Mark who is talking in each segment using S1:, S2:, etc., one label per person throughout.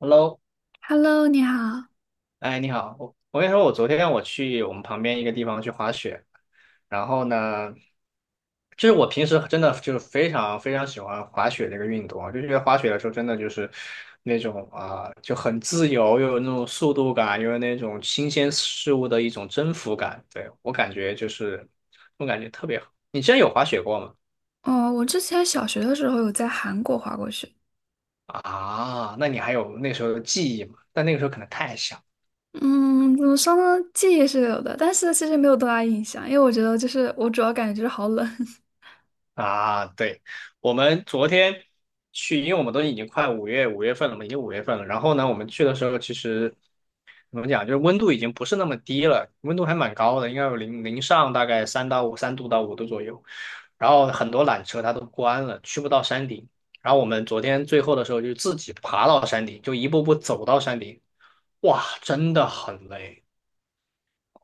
S1: Hello，
S2: Hello，你好。
S1: 哎，你好，我跟你说，我昨天我去我们旁边一个地方去滑雪，然后呢，就是我平时真的就是非常非常喜欢滑雪这个运动啊，就觉得滑雪的时候真的就是那种啊、就很自由，又有那种速度感，又有那种新鲜事物的一种征服感，对，我感觉就是我感觉特别好。你之前有滑雪过吗？
S2: 哦，我之前小学的时候有在韩国滑过雪。
S1: 啊，那你还有那时候的记忆吗？但那个时候可能太小。
S2: 嗯，怎么说呢？记忆是有的，但是其实没有多大印象，因为我觉得就是我主要感觉就是好冷。
S1: 啊，对，我们昨天去，因为我们都已经快五月份了嘛，已经五月份了。然后呢，我们去的时候其实怎么讲，就是温度已经不是那么低了，温度还蛮高的，应该有零上大概3度到5度左右。然后很多缆车它都关了，去不到山顶。然后我们昨天最后的时候就自己爬到山顶，就一步步走到山顶，哇，真的很累。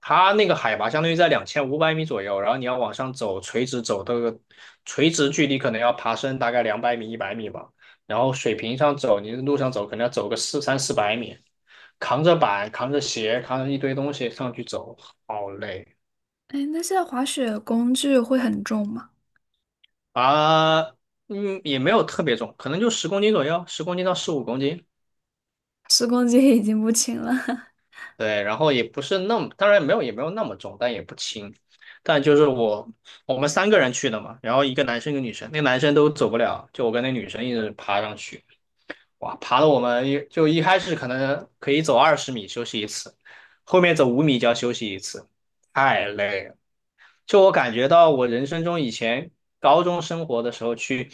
S1: 它那个海拔相当于在2500米左右，然后你要往上走，垂直走这个垂直距离可能要爬升大概200米、100米吧。然后水平上走，你路上走可能要走个三四百米，扛着板、扛着鞋、扛着一堆东西上去走，好累
S2: 哎，那现在滑雪工具会很重吗？
S1: 啊。嗯，也没有特别重，可能就十公斤左右，十公斤到15公斤。
S2: 10公斤已经不轻了。
S1: 对，然后也不是那么，当然没有也没有那么重，但也不轻。但就是我们3个人去的嘛，然后一个男生一个女生，那个男生都走不了，就我跟那女生一直爬上去，哇，爬的我们一开始可能可以走20米休息一次，后面走5米就要休息一次，太累了。就我感觉到我人生中以前高中生活的时候去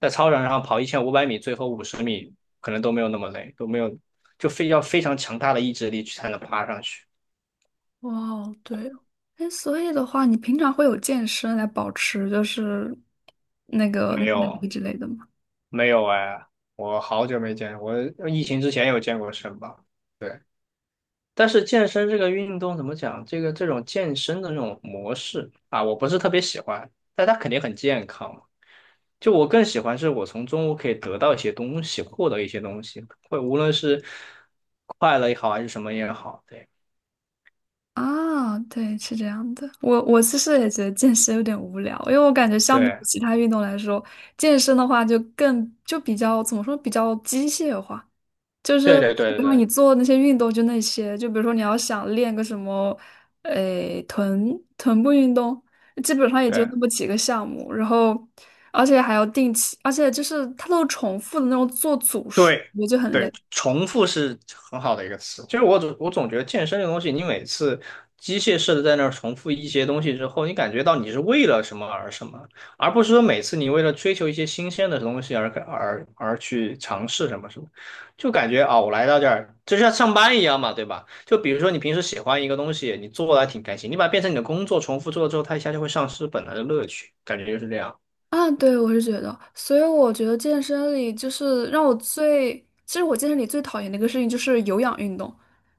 S1: 在操场上跑1500米，最后50米可能都没有那么累，都没有就非要非常强大的意志力去才能爬上去。
S2: 哇哦，对哦。哎，所以的话，你平常会有健身来保持就是那个
S1: 没
S2: 耐
S1: 有
S2: 力之类的吗？
S1: 没有哎，我好久没见，我疫情之前有健过身吧？对，但是健身这个运动怎么讲？这个这种健身的这种模式啊，我不是特别喜欢，但它肯定很健康嘛就我更喜欢是我从中我可以得到一些东西，获得一些东西，会无论是快乐也好，还是什么也好，对
S2: 啊，对，是这样的。我其实也觉得健身有点无聊，因为我感觉相比起
S1: 对
S2: 其他运动来说，健身的话就比较怎么说，比较机械化，就
S1: 对
S2: 是
S1: 对对
S2: 让
S1: 对
S2: 你做那些运动就那些，就比如说你要想练个什么，诶，臀部运动，基本上也就
S1: 对。
S2: 那么几个项目，然后而且还要定期，而且就是它都是重复的那种做组数，
S1: 对
S2: 我就很累。
S1: 对，重复是很好的一个词。其实我总觉得健身这个东西，你每次机械式的在那儿重复一些东西之后，你感觉到你是为了什么而什么，而不是说每次你为了追求一些新鲜的东西而去尝试什么什么，就感觉啊，我来到这儿就像上班一样嘛，对吧？就比如说你平时喜欢一个东西，你做的还挺开心，你把它变成你的工作，重复做了之后，它一下就会丧失本来的乐趣，感觉就是这样
S2: 啊，对，我是觉得，所以我觉得健身里就是让我最，其实我健身里最讨厌的一个事情就是有氧运动，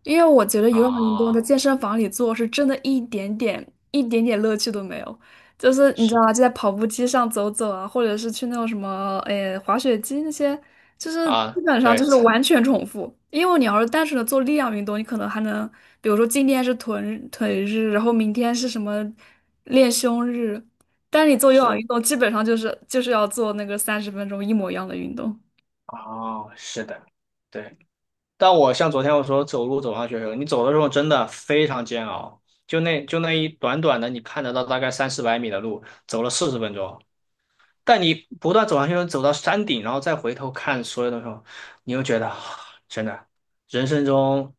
S2: 因为我觉得有氧运动在
S1: 啊，
S2: 健身房里做是真的一点点乐趣都没有，就是你知道
S1: 是。
S2: 吗？就在跑步机上走走啊，或者是去那种什么，诶、滑雪机那些，就是基
S1: 啊。
S2: 本上
S1: 对，
S2: 就是完全重复。因为你要是单纯的做力量运动，你可能还能，比如说今天是臀腿日，然后明天是什么练胸日。但是你做有氧运
S1: 是。
S2: 动，基本上就是要做那个30分钟一模一样的运动。
S1: 哦，是的，对。但我像昨天我说走路走上学的时候你走的时候真的非常煎熬，就那一短短的，你看得到大概三四百米的路，走了四十分钟。但你不断走上去，走到山顶，然后再回头看所有的时候，你又觉得啊真的，人生中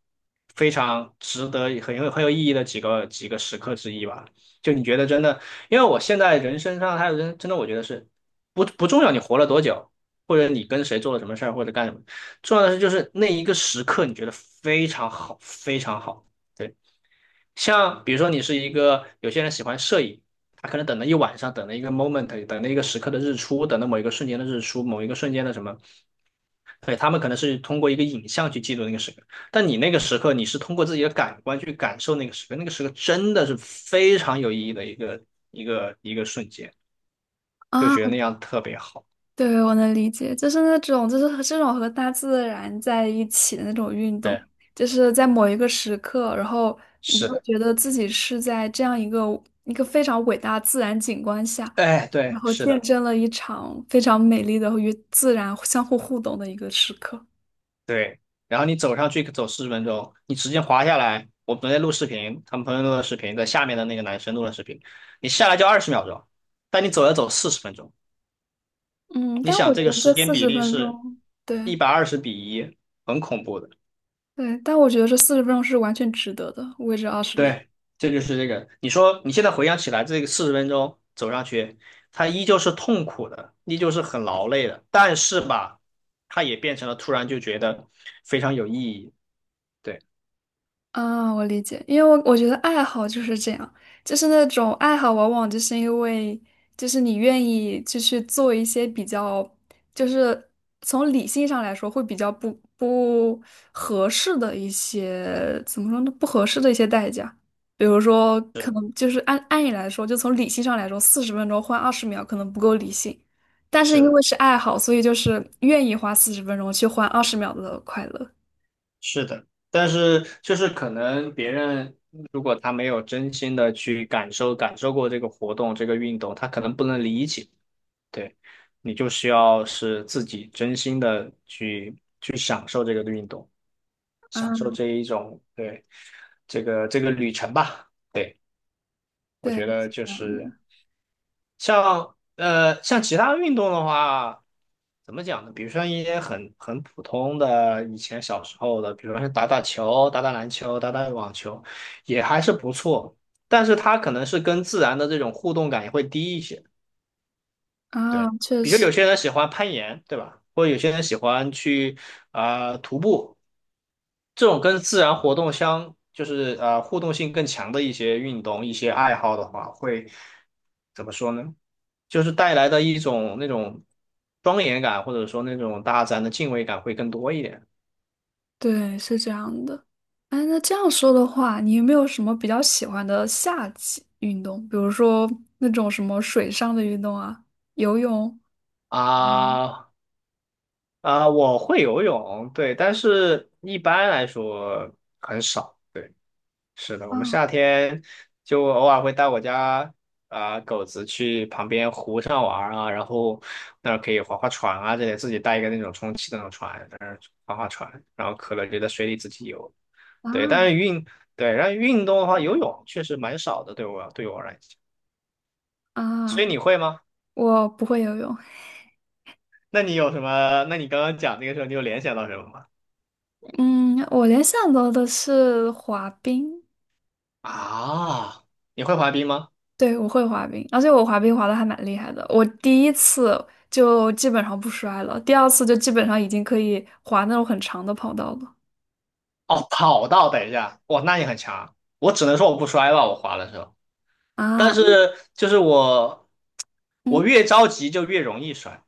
S1: 非常值得、很有意义的几个时刻之一吧。就你觉得真的，因为我现在人生上还有人，真的我觉得是不重要，你活了多久，或者你跟谁做了什么事儿，或者干什么，重要的是就是那一个时刻，你觉得非常好，非常好。对。像比如说你是一个，有些人喜欢摄影，他可能等了一晚上，等了一个 moment，等了一个时刻的日出，等了某一个瞬间的日出，某一个瞬间的什么，对，他们可能是通过一个影像去记录那个时刻，但你那个时刻，你是通过自己的感官去感受那个时刻，那个时刻真的是非常有意义的一个瞬间，
S2: 啊，
S1: 就觉得那样特别好。
S2: 对，我能理解，就是那种，就是和这种和大自然在一起的那种运动，
S1: 对，
S2: 就是在某一个时刻，然后你就
S1: 是
S2: 会
S1: 的，
S2: 觉得自己是在这样一个非常伟大的自然景观下，
S1: 哎，
S2: 然
S1: 对，
S2: 后
S1: 是
S2: 见
S1: 的。
S2: 证了一场非常美丽的与自然互动的一个时刻。
S1: 对，然后你走上去走四十分钟，你直接滑下来。我昨天录视频，他们朋友录的视频，在下面的那个男生录的视频，你下来就20秒钟，但你走要走四十分钟。
S2: 嗯，
S1: 你
S2: 但
S1: 想
S2: 我觉
S1: 这个
S2: 得这
S1: 时间
S2: 四
S1: 比
S2: 十
S1: 例
S2: 分
S1: 是
S2: 钟，对
S1: 120比1，很恐怖的。
S2: 对，但我觉得这四十分钟是完全值得的，为这二十秒。
S1: 对，这就是这个。你说你现在回想起来，这个四十分钟走上去，它依旧是痛苦的，依旧是很劳累的，但是吧，它也变成了突然就觉得非常有意义。对，
S2: 啊，我理解，因为我觉得爱好就是这样，就是那种爱好，往往就是因为就是你愿意就去做一些比较，就是从理性上来说会比较不合适的一些，怎么说呢？不合适的一些代价，比如说可
S1: 是
S2: 能就是按理来说，就从理性上来说，四十分钟换二十秒可能不够理性，但是
S1: 是
S2: 因
S1: 的。
S2: 为是爱好，所以就是愿意花四十分钟去换二十秒的快乐。
S1: 是的，但是就是可能别人如果他没有真心的去感受感受过这个活动、这个运动，他可能不能理解。对，你就需要是自己真心的去享受这个运动，
S2: 啊，
S1: 享受这一种，对，这个旅程吧。对，我
S2: 对，
S1: 觉得
S2: 是
S1: 就
S2: 这样
S1: 是。
S2: 的。
S1: 像其他运动的话，怎么讲呢？比如说一些很普通的以前小时候的，比如说是打打球、打打篮球、打打网球，也还是不错。但是它可能是跟自然的这种互动感也会低一些。
S2: 啊，
S1: 对，
S2: 确
S1: 比如
S2: 实，
S1: 有些人喜欢攀岩，对吧？或者有些人喜欢去徒步。这种跟自然活动相，就是互动性更强的一些运动、一些爱好的话，会怎么说呢？就是带来的一种那种庄严感，或者说那种大自然的敬畏感会更多一点
S2: 对，是这样的。哎，那这样说的话，你有没有什么比较喜欢的夏季运动？比如说那种什么水上的运动啊，游泳。
S1: 啊啊！我会游泳，对，但是一般来说很少。对。是的，我们
S2: 啊
S1: 夏天就偶尔会带我家狗子去旁边湖上玩儿啊，然后那儿可以划划船啊，这些自己带一个那种充气的那种船，在那儿划划船，然后渴了就在水里自己游。
S2: 啊
S1: 对，但是对，然后运动的话，游泳确实蛮少的，对我来讲。所
S2: 啊！
S1: 以你会吗？
S2: 我不会游泳，
S1: 那你有什么？那你刚刚讲那个时候，你有联想到什么吗？
S2: 嗯，我联想到的是滑冰，
S1: 啊，你会滑冰吗？
S2: 对，我会滑冰，而且我滑冰滑的还蛮厉害的。我第一次就基本上不摔了，第二次就基本上已经可以滑那种很长的跑道了。
S1: 哦，跑道，等一下，哇，那你很强。我只能说我不摔吧，我滑的时候。但
S2: 啊，
S1: 是就是我，我
S2: 嗯。
S1: 越着急就越容易摔。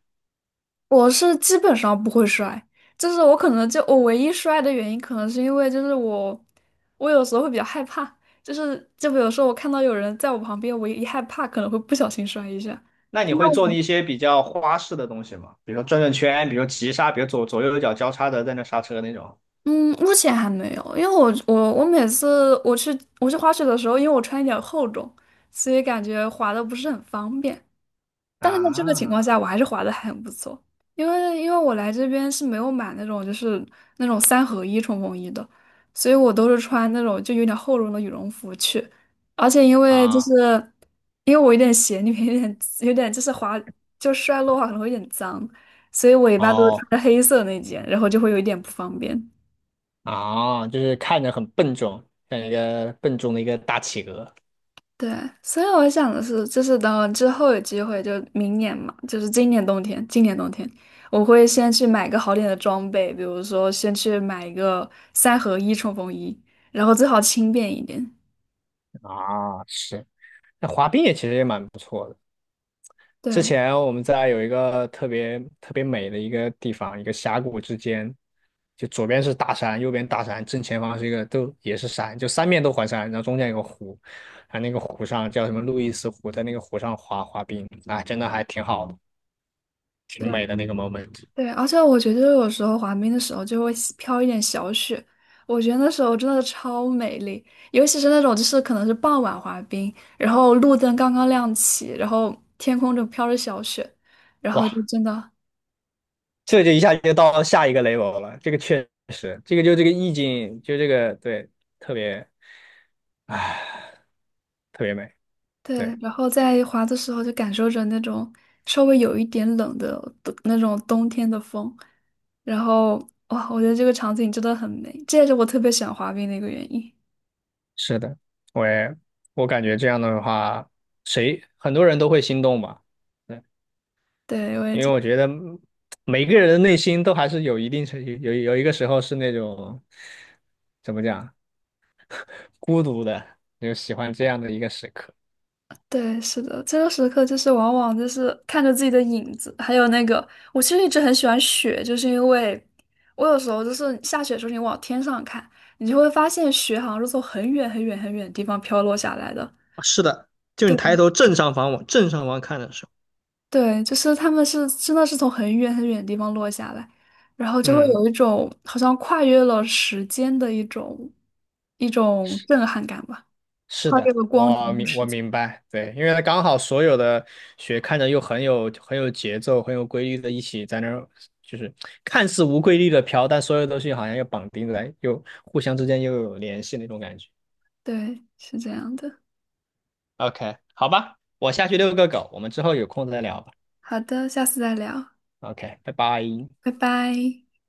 S2: 我是基本上不会摔，就是我可能就我唯一摔的原因，可能是因为就是我有时候会比较害怕，就比如说我看到有人在我旁边，我一害怕可能会不小心摔一下。
S1: 那你
S2: 那
S1: 会做
S2: 我
S1: 一些比较花式的东西吗？比如说转转圈，比如急刹，比如左右脚交叉的在那刹车那种。
S2: 嗯，目前还没有，因为我每次我去滑雪的时候，因为我穿一点厚重，所以感觉滑的不是很方便。但是在这个情况
S1: 啊
S2: 下，我还是划得很不错，因为我来这边是没有买那种三合一冲锋衣的，所以我都是穿那种就有点厚绒的羽绒服去，而且因为就是
S1: 啊
S2: 因为我有点鞋里面有点就是滑就摔落的话可能会有点脏，所以我一般都是
S1: 哦
S2: 穿着黑色那件，然后就会有一点不方便。
S1: 啊，就是看着很笨重，像一个笨重的一个大企鹅
S2: 对，所以我想的是，就是等我之后有机会，就明年嘛，就是今年冬天我会先去买个好点的装备，比如说先去买一个三合一冲锋衣，然后最好轻便一点。
S1: 啊，是。那滑冰也其实也蛮不错的。之
S2: 对
S1: 前我们在有一个特别特别美的一个地方，一个峡谷之间，就左边是大山，右边大山，正前方是一个都也是山，就三面都环山，然后中间有个湖，啊，那个湖上叫什么路易斯湖，在那个湖上滑滑冰，啊，真的还挺好的，挺
S2: 对
S1: 美的那个 moment。
S2: 对，而且我觉得有时候滑冰的时候就会喜飘一点小雪，我觉得那时候真的超美丽，尤其是那种就是可能是傍晚滑冰，然后路灯刚刚亮起，然后天空就飘着小雪，然后就
S1: 哇，
S2: 真的
S1: 这就一下就到下一个 level 了，这个确实，这个就这个意境，就这个对，特别，唉，特别美，对，
S2: 对，然后在滑的时候就感受着那种稍微有一点冷的那种冬天的风，然后哇，我觉得这个场景真的很美，这也是我特别喜欢滑冰的一个原因。
S1: 是的，我也我感觉这样的话，谁很多人都会心动吧？对，
S2: 对，我也
S1: 因为
S2: 觉得，
S1: 我觉得嗯每个人的内心都还是有一定程有有有一个时候是那种怎么讲孤独的，就喜欢这样的一个时刻。
S2: 对，是的，这个时刻就是往往就是看着自己的影子，还有那个，我其实一直很喜欢雪，就是因为我有时候就是下雪的时候，你往天上看，你就会发现雪好像是从很远很远很远的地方飘落下来的。
S1: 是的，就你
S2: 对。
S1: 抬头正上方往正上方看的时候，
S2: 对，就是他们是真的是从很远很远的地方落下来，然后就会
S1: 嗯。
S2: 有一种好像跨越了时间的一种震撼感吧，
S1: 是
S2: 跨
S1: 的，
S2: 越了光年的
S1: 我
S2: 时间。
S1: 明白，对，因为它刚好所有的雪看着又很有节奏、很有规律的，一起在那儿，就是看似无规律的飘，但所有东西好像又绑定在，又互相之间又有联系那种感觉。
S2: 对，是这样的。
S1: OK，好吧，我下去遛个狗，我们之后有空再聊吧。
S2: 好的，下次再聊，
S1: OK，拜拜。
S2: 拜拜。